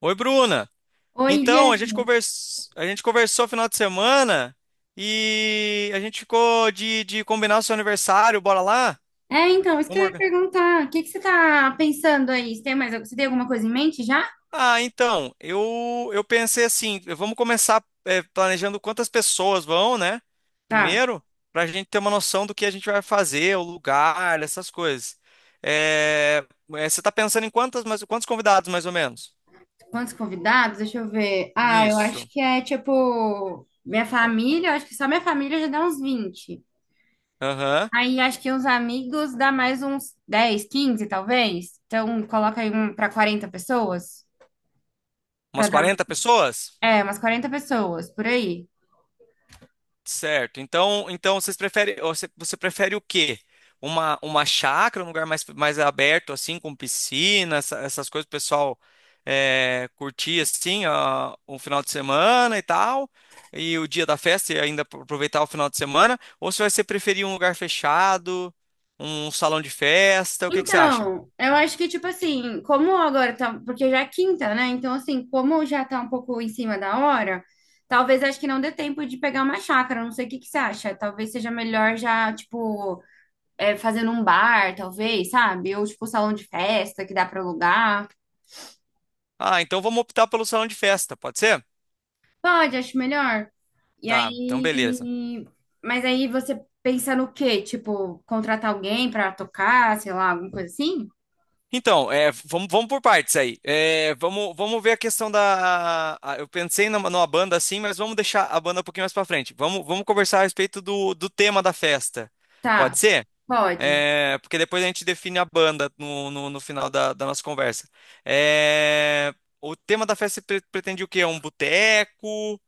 Oi, Bruna. Oi, Gê. Então, a gente conversou final de semana e a gente ficou de combinar o seu aniversário, bora lá? É, então, isso que eu Vamos ia organ- perguntar. O que que você tá pensando aí? Você tem alguma coisa em mente já? Ah, então, eu pensei assim, vamos começar planejando quantas pessoas vão, né? Tá. Primeiro, para a gente ter uma noção do que a gente vai fazer, o lugar, essas coisas. Eh, você está pensando em quantos convidados, mais ou menos? Quantos convidados? Deixa eu ver. Ah, eu acho Nisso. que é tipo minha família, eu acho que só minha família já dá uns 20. Aham. Aí acho que uns amigos dá mais uns 10, 15 talvez. Então, coloca aí um para 40 pessoas, para Umas dar, 40 pessoas? Umas 40 pessoas por aí. Certo. Então, então vocês preferem, você prefere o quê? Uma chácara, um lugar mais aberto, assim, com piscina, essas coisas, o pessoal é, curtir, assim, ó, um final de semana e tal, e o dia da festa e ainda aproveitar o final de semana? Ou se você preferir um lugar fechado, um salão de festa, o que que você acha? Então, eu acho que, tipo assim, como agora tá. Porque já é quinta, né? Então, assim, como já tá um pouco em cima da hora, talvez acho que não dê tempo de pegar uma chácara. Não sei o que que você acha. Talvez seja melhor já, tipo, fazer num bar, talvez, sabe? Ou, tipo, salão de festa que dá pra alugar. Ah, então vamos optar pelo salão de festa, pode ser? Pode, acho melhor. E Tá, então beleza. aí. Mas aí você pensa no quê? Tipo, contratar alguém pra tocar, sei lá, alguma coisa assim? Então, é, vamos por partes aí. É, vamos ver a questão da. Eu pensei numa banda assim, mas vamos deixar a banda um pouquinho mais pra frente. Vamos conversar a respeito do, do tema da festa. Pode Tá, ser? pode. É, porque depois a gente define a banda no final da nossa conversa. É, o tema da festa pretende o quê? Um boteco?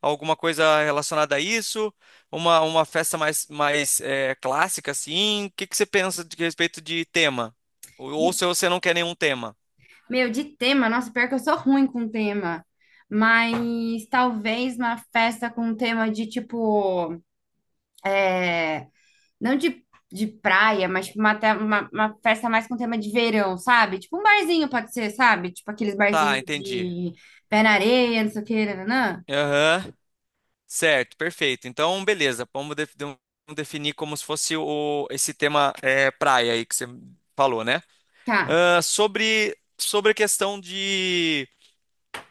Alguma coisa relacionada a isso? Uma festa mais, mais é, clássica, assim? O que que você pensa de respeito de tema? Ou se você não quer nenhum tema? Meu, de tema, nossa, pior que eu sou ruim com tema. Mas talvez uma festa com tema de tipo, é, não de praia, mas tipo, uma festa mais com tema de verão, sabe? Tipo um barzinho pode ser, sabe? Tipo aqueles Tá, barzinhos entendi. de pé na areia, não sei o que, nananã. Aham. Certo, perfeito. Então, beleza. Vamos definir como se fosse o, esse tema é, praia aí que você falou, né? Tá. Ah, sobre a questão de.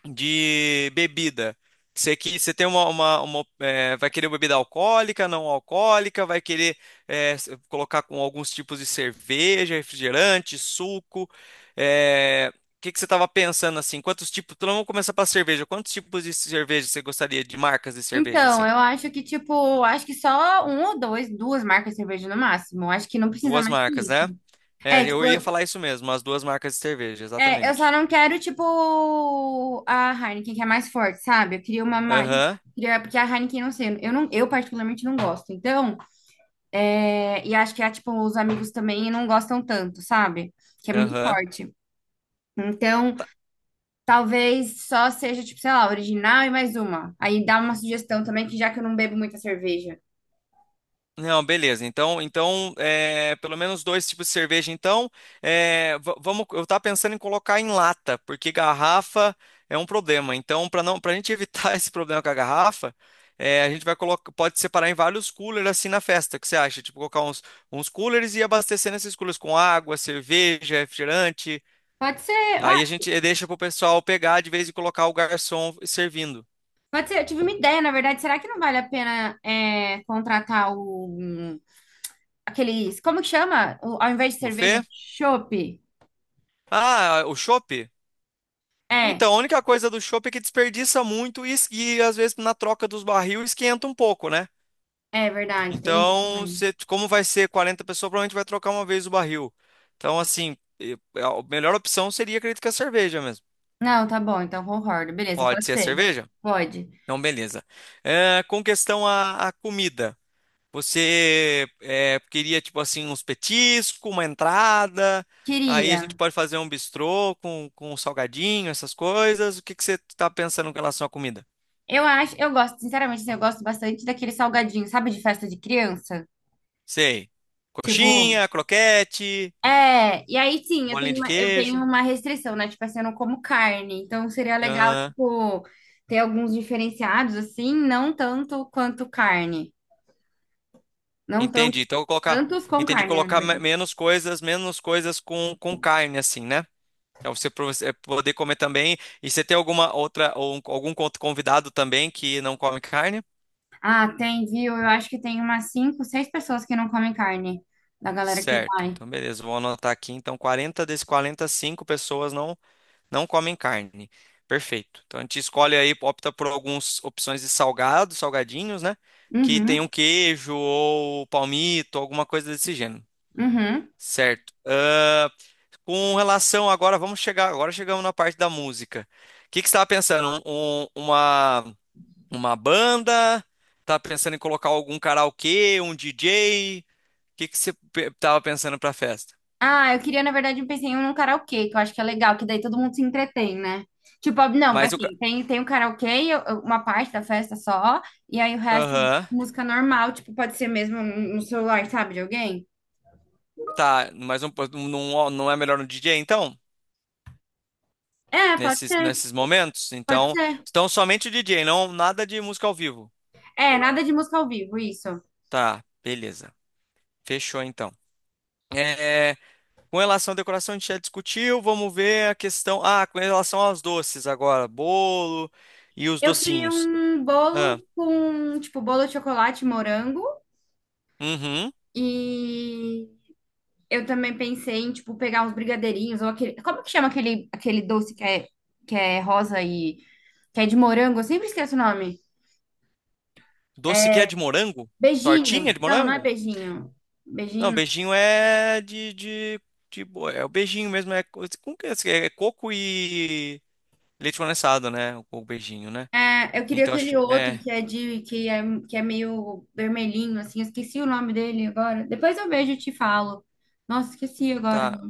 De bebida. Você, que, você tem uma, é, vai querer bebida alcoólica, não alcoólica, vai querer é, colocar com alguns tipos de cerveja, refrigerante, suco. É, o que você estava pensando assim? Quantos tipos? Então vamos começar pela cerveja. Quantos tipos de cerveja você gostaria de marcas de cerveja Então, assim? eu acho que, tipo, acho que só um ou dois, duas marcas de cerveja no máximo. Acho que não precisa Duas mais que marcas, né? isso. É, É, tipo, eu ia falar isso mesmo, as duas marcas de cerveja, É, eu só exatamente. não quero, tipo, a Heineken, que é mais forte, sabe? Eu queria uma mais. Aham, Porque a Heineken, não sei, eu, não, eu particularmente não gosto. Então, e acho que, tipo, os amigos também não gostam tanto, sabe? Que é muito aham. forte. Então, talvez só seja, tipo, sei lá, original e mais uma. Aí dá uma sugestão também, que já que eu não bebo muita cerveja. Não, beleza. Então, então é, pelo menos dois tipos de cerveja. Então, é, vamos. Eu estava pensando em colocar em lata, porque garrafa é um problema. Então, para não, para a gente evitar esse problema com a garrafa, é, a gente vai colocar, pode separar em vários coolers assim na festa. O que você acha? Tipo, colocar uns coolers e abastecer nesses coolers com água, cerveja, refrigerante. Pode ser, ah, Aí a gente deixa para o pessoal pegar de vez e colocar o garçom servindo. pode ser, eu tive uma ideia, na verdade. Será que não vale a pena, contratar aqueles, como que chama? Ao invés de cerveja, Buffet? chopp? Ah, o chopp? É, Então, a única coisa do chopp é que desperdiça muito e, e, às vezes na troca dos barril esquenta um pouco, né? é verdade, tem isso Então, também. Como vai ser 40 pessoas, provavelmente vai trocar uma vez o barril. Então, assim, é, a melhor opção seria, acredito que a cerveja mesmo. Não, tá bom, então concordo. Beleza, Pode pode ser a ser. cerveja? Pode. Então, beleza. É, com questão à, à comida, você é, queria, tipo assim, uns petiscos, uma entrada, aí a Queria. gente pode fazer um bistrô com um salgadinho, essas coisas. O que que você está pensando em relação à comida? Eu gosto, sinceramente, assim, eu gosto bastante daquele salgadinho, sabe, de festa de criança? Sei. Tipo, Coxinha, croquete, e aí sim, eu bolinha tenho de uma, eu tenho queijo. uma restrição, né? Tipo assim, eu não como carne, então seria legal, Aham. tipo, ter alguns diferenciados, assim, não tanto quanto carne. Não tão, Entendi. Então, eu vou colocar. tantos com Entendi. carne, né, na Colocar verdade. Menos coisas com carne, assim, né? Pra você poder comer também. E você tem alguma outra, ou convidado também que não come carne? Ah, tem, viu? Eu acho que tem umas cinco, seis pessoas que não comem carne, da galera que Certo. vai. Então, beleza. Vou anotar aqui. Então, 40 desses cinco pessoas não. Não comem carne. Perfeito. Então a gente escolhe aí, opta por algumas opções de salgado, salgadinhos, né? Que tem um Uhum, queijo ou palmito, alguma coisa desse gênero. uhum. Certo. Ah, com relação agora, vamos chegar. Agora chegamos na parte da música. O que que você estava pensando? Uma banda? Tá pensando em colocar algum karaokê, um DJ? O que que você estava pensando para a festa? Ah, eu queria, na verdade, um pezinho num karaokê, que eu acho que é legal, que daí todo mundo se entretém, né? Tipo, não, Mas o. ca- assim, tem o karaokê, uma parte da festa só, e aí o resto, Aham. música normal, tipo, pode ser mesmo no celular, sabe, de alguém? Tá, mas não é melhor no DJ então? É, pode nesses, ser, nesses momentos. pode Então, ser. então somente o DJ, não nada de música ao vivo. É, nada de música ao vivo, isso. Tá, beleza. Fechou então. É, com relação à decoração, a gente já discutiu. Vamos ver a questão. Ah, com relação aos doces agora, bolo e os Eu queria docinhos. um Ah, bolo com, tipo, bolo de chocolate, morango uhum. e eu também pensei em, tipo, pegar uns brigadeirinhos ou aquele. Como que chama aquele doce que é rosa e que é de morango? Eu sempre esqueço o nome. Doce que É é de morango? Tortinha beijinho. de Não, não é morango? beijinho. Não, Beijinho. beijinho é é o beijinho mesmo é, é esse? É coco e leite condensado, né? O beijinho, né? É, eu queria Então acho aquele que- outro é, que é meio vermelhinho, assim. Eu esqueci o nome dele agora. Depois eu vejo e te falo. Nossa, esqueci agora. tá.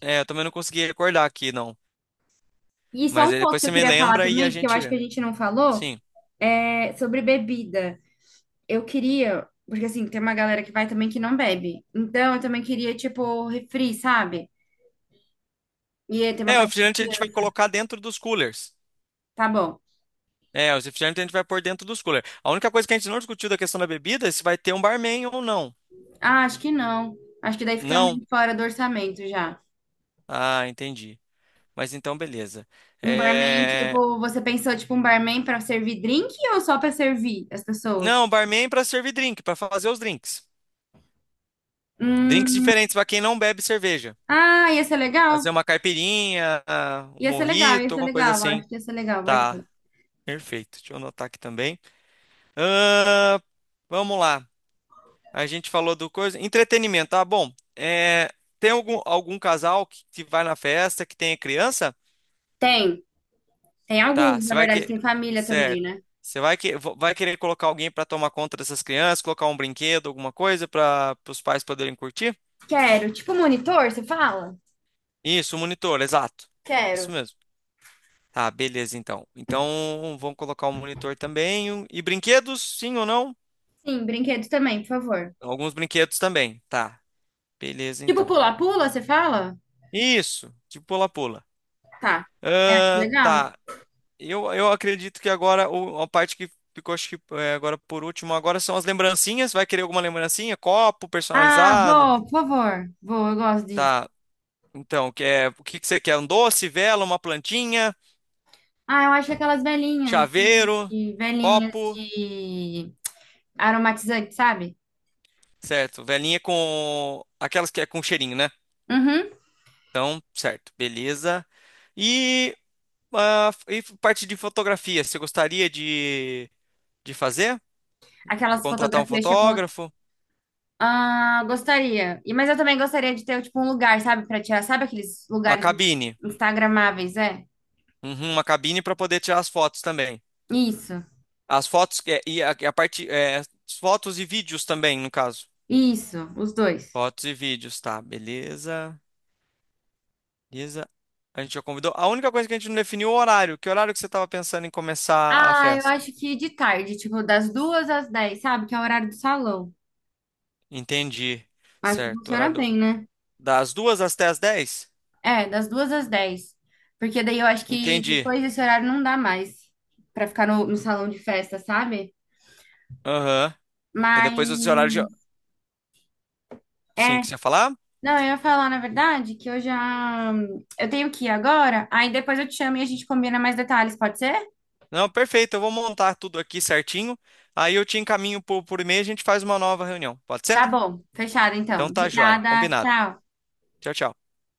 É, eu também não consegui recordar aqui, não. E só Mas um aí pouco depois que você eu me queria falar lembra e a também, que eu gente acho que vê. a gente não falou, Sim. é sobre bebida. Eu queria, porque assim, tem uma galera que vai também que não bebe. Então eu também queria, tipo, refri, sabe? E aí tem É, uma o parte de refrigerante a gente vai criança. colocar dentro dos coolers. Tá bom. É, os refrigerantes a gente vai pôr dentro dos coolers. A única coisa que a gente não discutiu da questão da bebida é se vai ter um barman ou não. Ah, acho que não. Acho que daí fica Não? meio fora do orçamento já. Ah, entendi. Mas então, beleza. Um barman, É... tipo, você pensou, tipo, um barman pra servir drink ou só pra servir as pessoas? Não, barman para servir drink, para fazer os drinks. Drinks Hum, diferentes para quem não bebe cerveja. ah, ia ser legal. Fazer uma caipirinha, um Ia ser legal, ia mojito, ser alguma coisa legal. assim. Acho que ia ser legal, verdade. Tá, perfeito. Deixa eu anotar aqui também. Ahn, Vamos lá. A gente falou do coisa. Entretenimento, tá bom. É, tem algum casal que vai na festa, que tenha criança? Tem. Tem Tá, alguns, você na vai verdade, que. tem família também, Certo. né? Você vai, que, vai querer colocar alguém para tomar conta dessas crianças, colocar um brinquedo, alguma coisa para os pais poderem curtir? Quero. Tipo, monitor, você fala? Isso, um monitor, exato. Isso Quero. mesmo. Tá, beleza, então. Então, vamos colocar um monitor também. E brinquedos, sim ou não? Sim, brinquedos também, por favor. Alguns brinquedos também. Tá, beleza, Tipo então. pula-pula, você fala? Isso, tipo pula-pula. Tá. É, acho Ah, legal. tá. Eu acredito que agora a parte que ficou, acho que é, agora por último, agora são as lembrancinhas. Vai querer alguma lembrancinha? Copo Ah, personalizado? vou, por favor. Vou, eu gosto disso. Tá. Então, quer, o que que você quer? Um doce, vela, uma plantinha, Ah, eu acho aquelas velhinhas de, chaveiro, de- velhinhas copo. de aromatizante, sabe? Certo. Velinha com aquelas que é com cheirinho, né? Uhum. Então, certo. Beleza. E, ah, e parte de fotografia, você gostaria de fazer? Aquelas Contratar um fotografias, tipo, fotógrafo? ah, gostaria. Mas eu também gostaria de ter, tipo, um lugar, sabe, pra tirar. Sabe aqueles A lugares cabine. instagramáveis, é? Uhum, uma cabine para poder tirar as fotos também. Isso, As fotos que- é, e a parte é, fotos e vídeos também, no caso. isso, os dois. Fotos e vídeos, tá, beleza. Beleza. A gente já convidou. A única coisa que a gente não definiu é o horário. Que horário que você estava pensando em começar a Ah, eu festa? acho que de tarde, tipo, das duas às 10, sabe? Que é o horário do salão. Entendi. Acho que Certo. funciona Horário bem, né? das duas às até às dez? É, das duas às 10. Porque daí eu acho que Entendi. depois desse horário não dá mais pra ficar no salão de festa, sabe? Aham. E depois os horários já. Mas Sim, é, que você ia falar? não, eu ia falar na verdade que eu tenho que ir agora, aí depois eu te chamo e a gente combina mais detalhes, pode ser? Não, perfeito. Eu vou montar tudo aqui certinho. Aí eu te encaminho por e-mail e a gente faz uma nova reunião. Pode ser? Tá bom, fechado então. Então tá joia. Obrigada, Combinado. tchau. Tchau, tchau.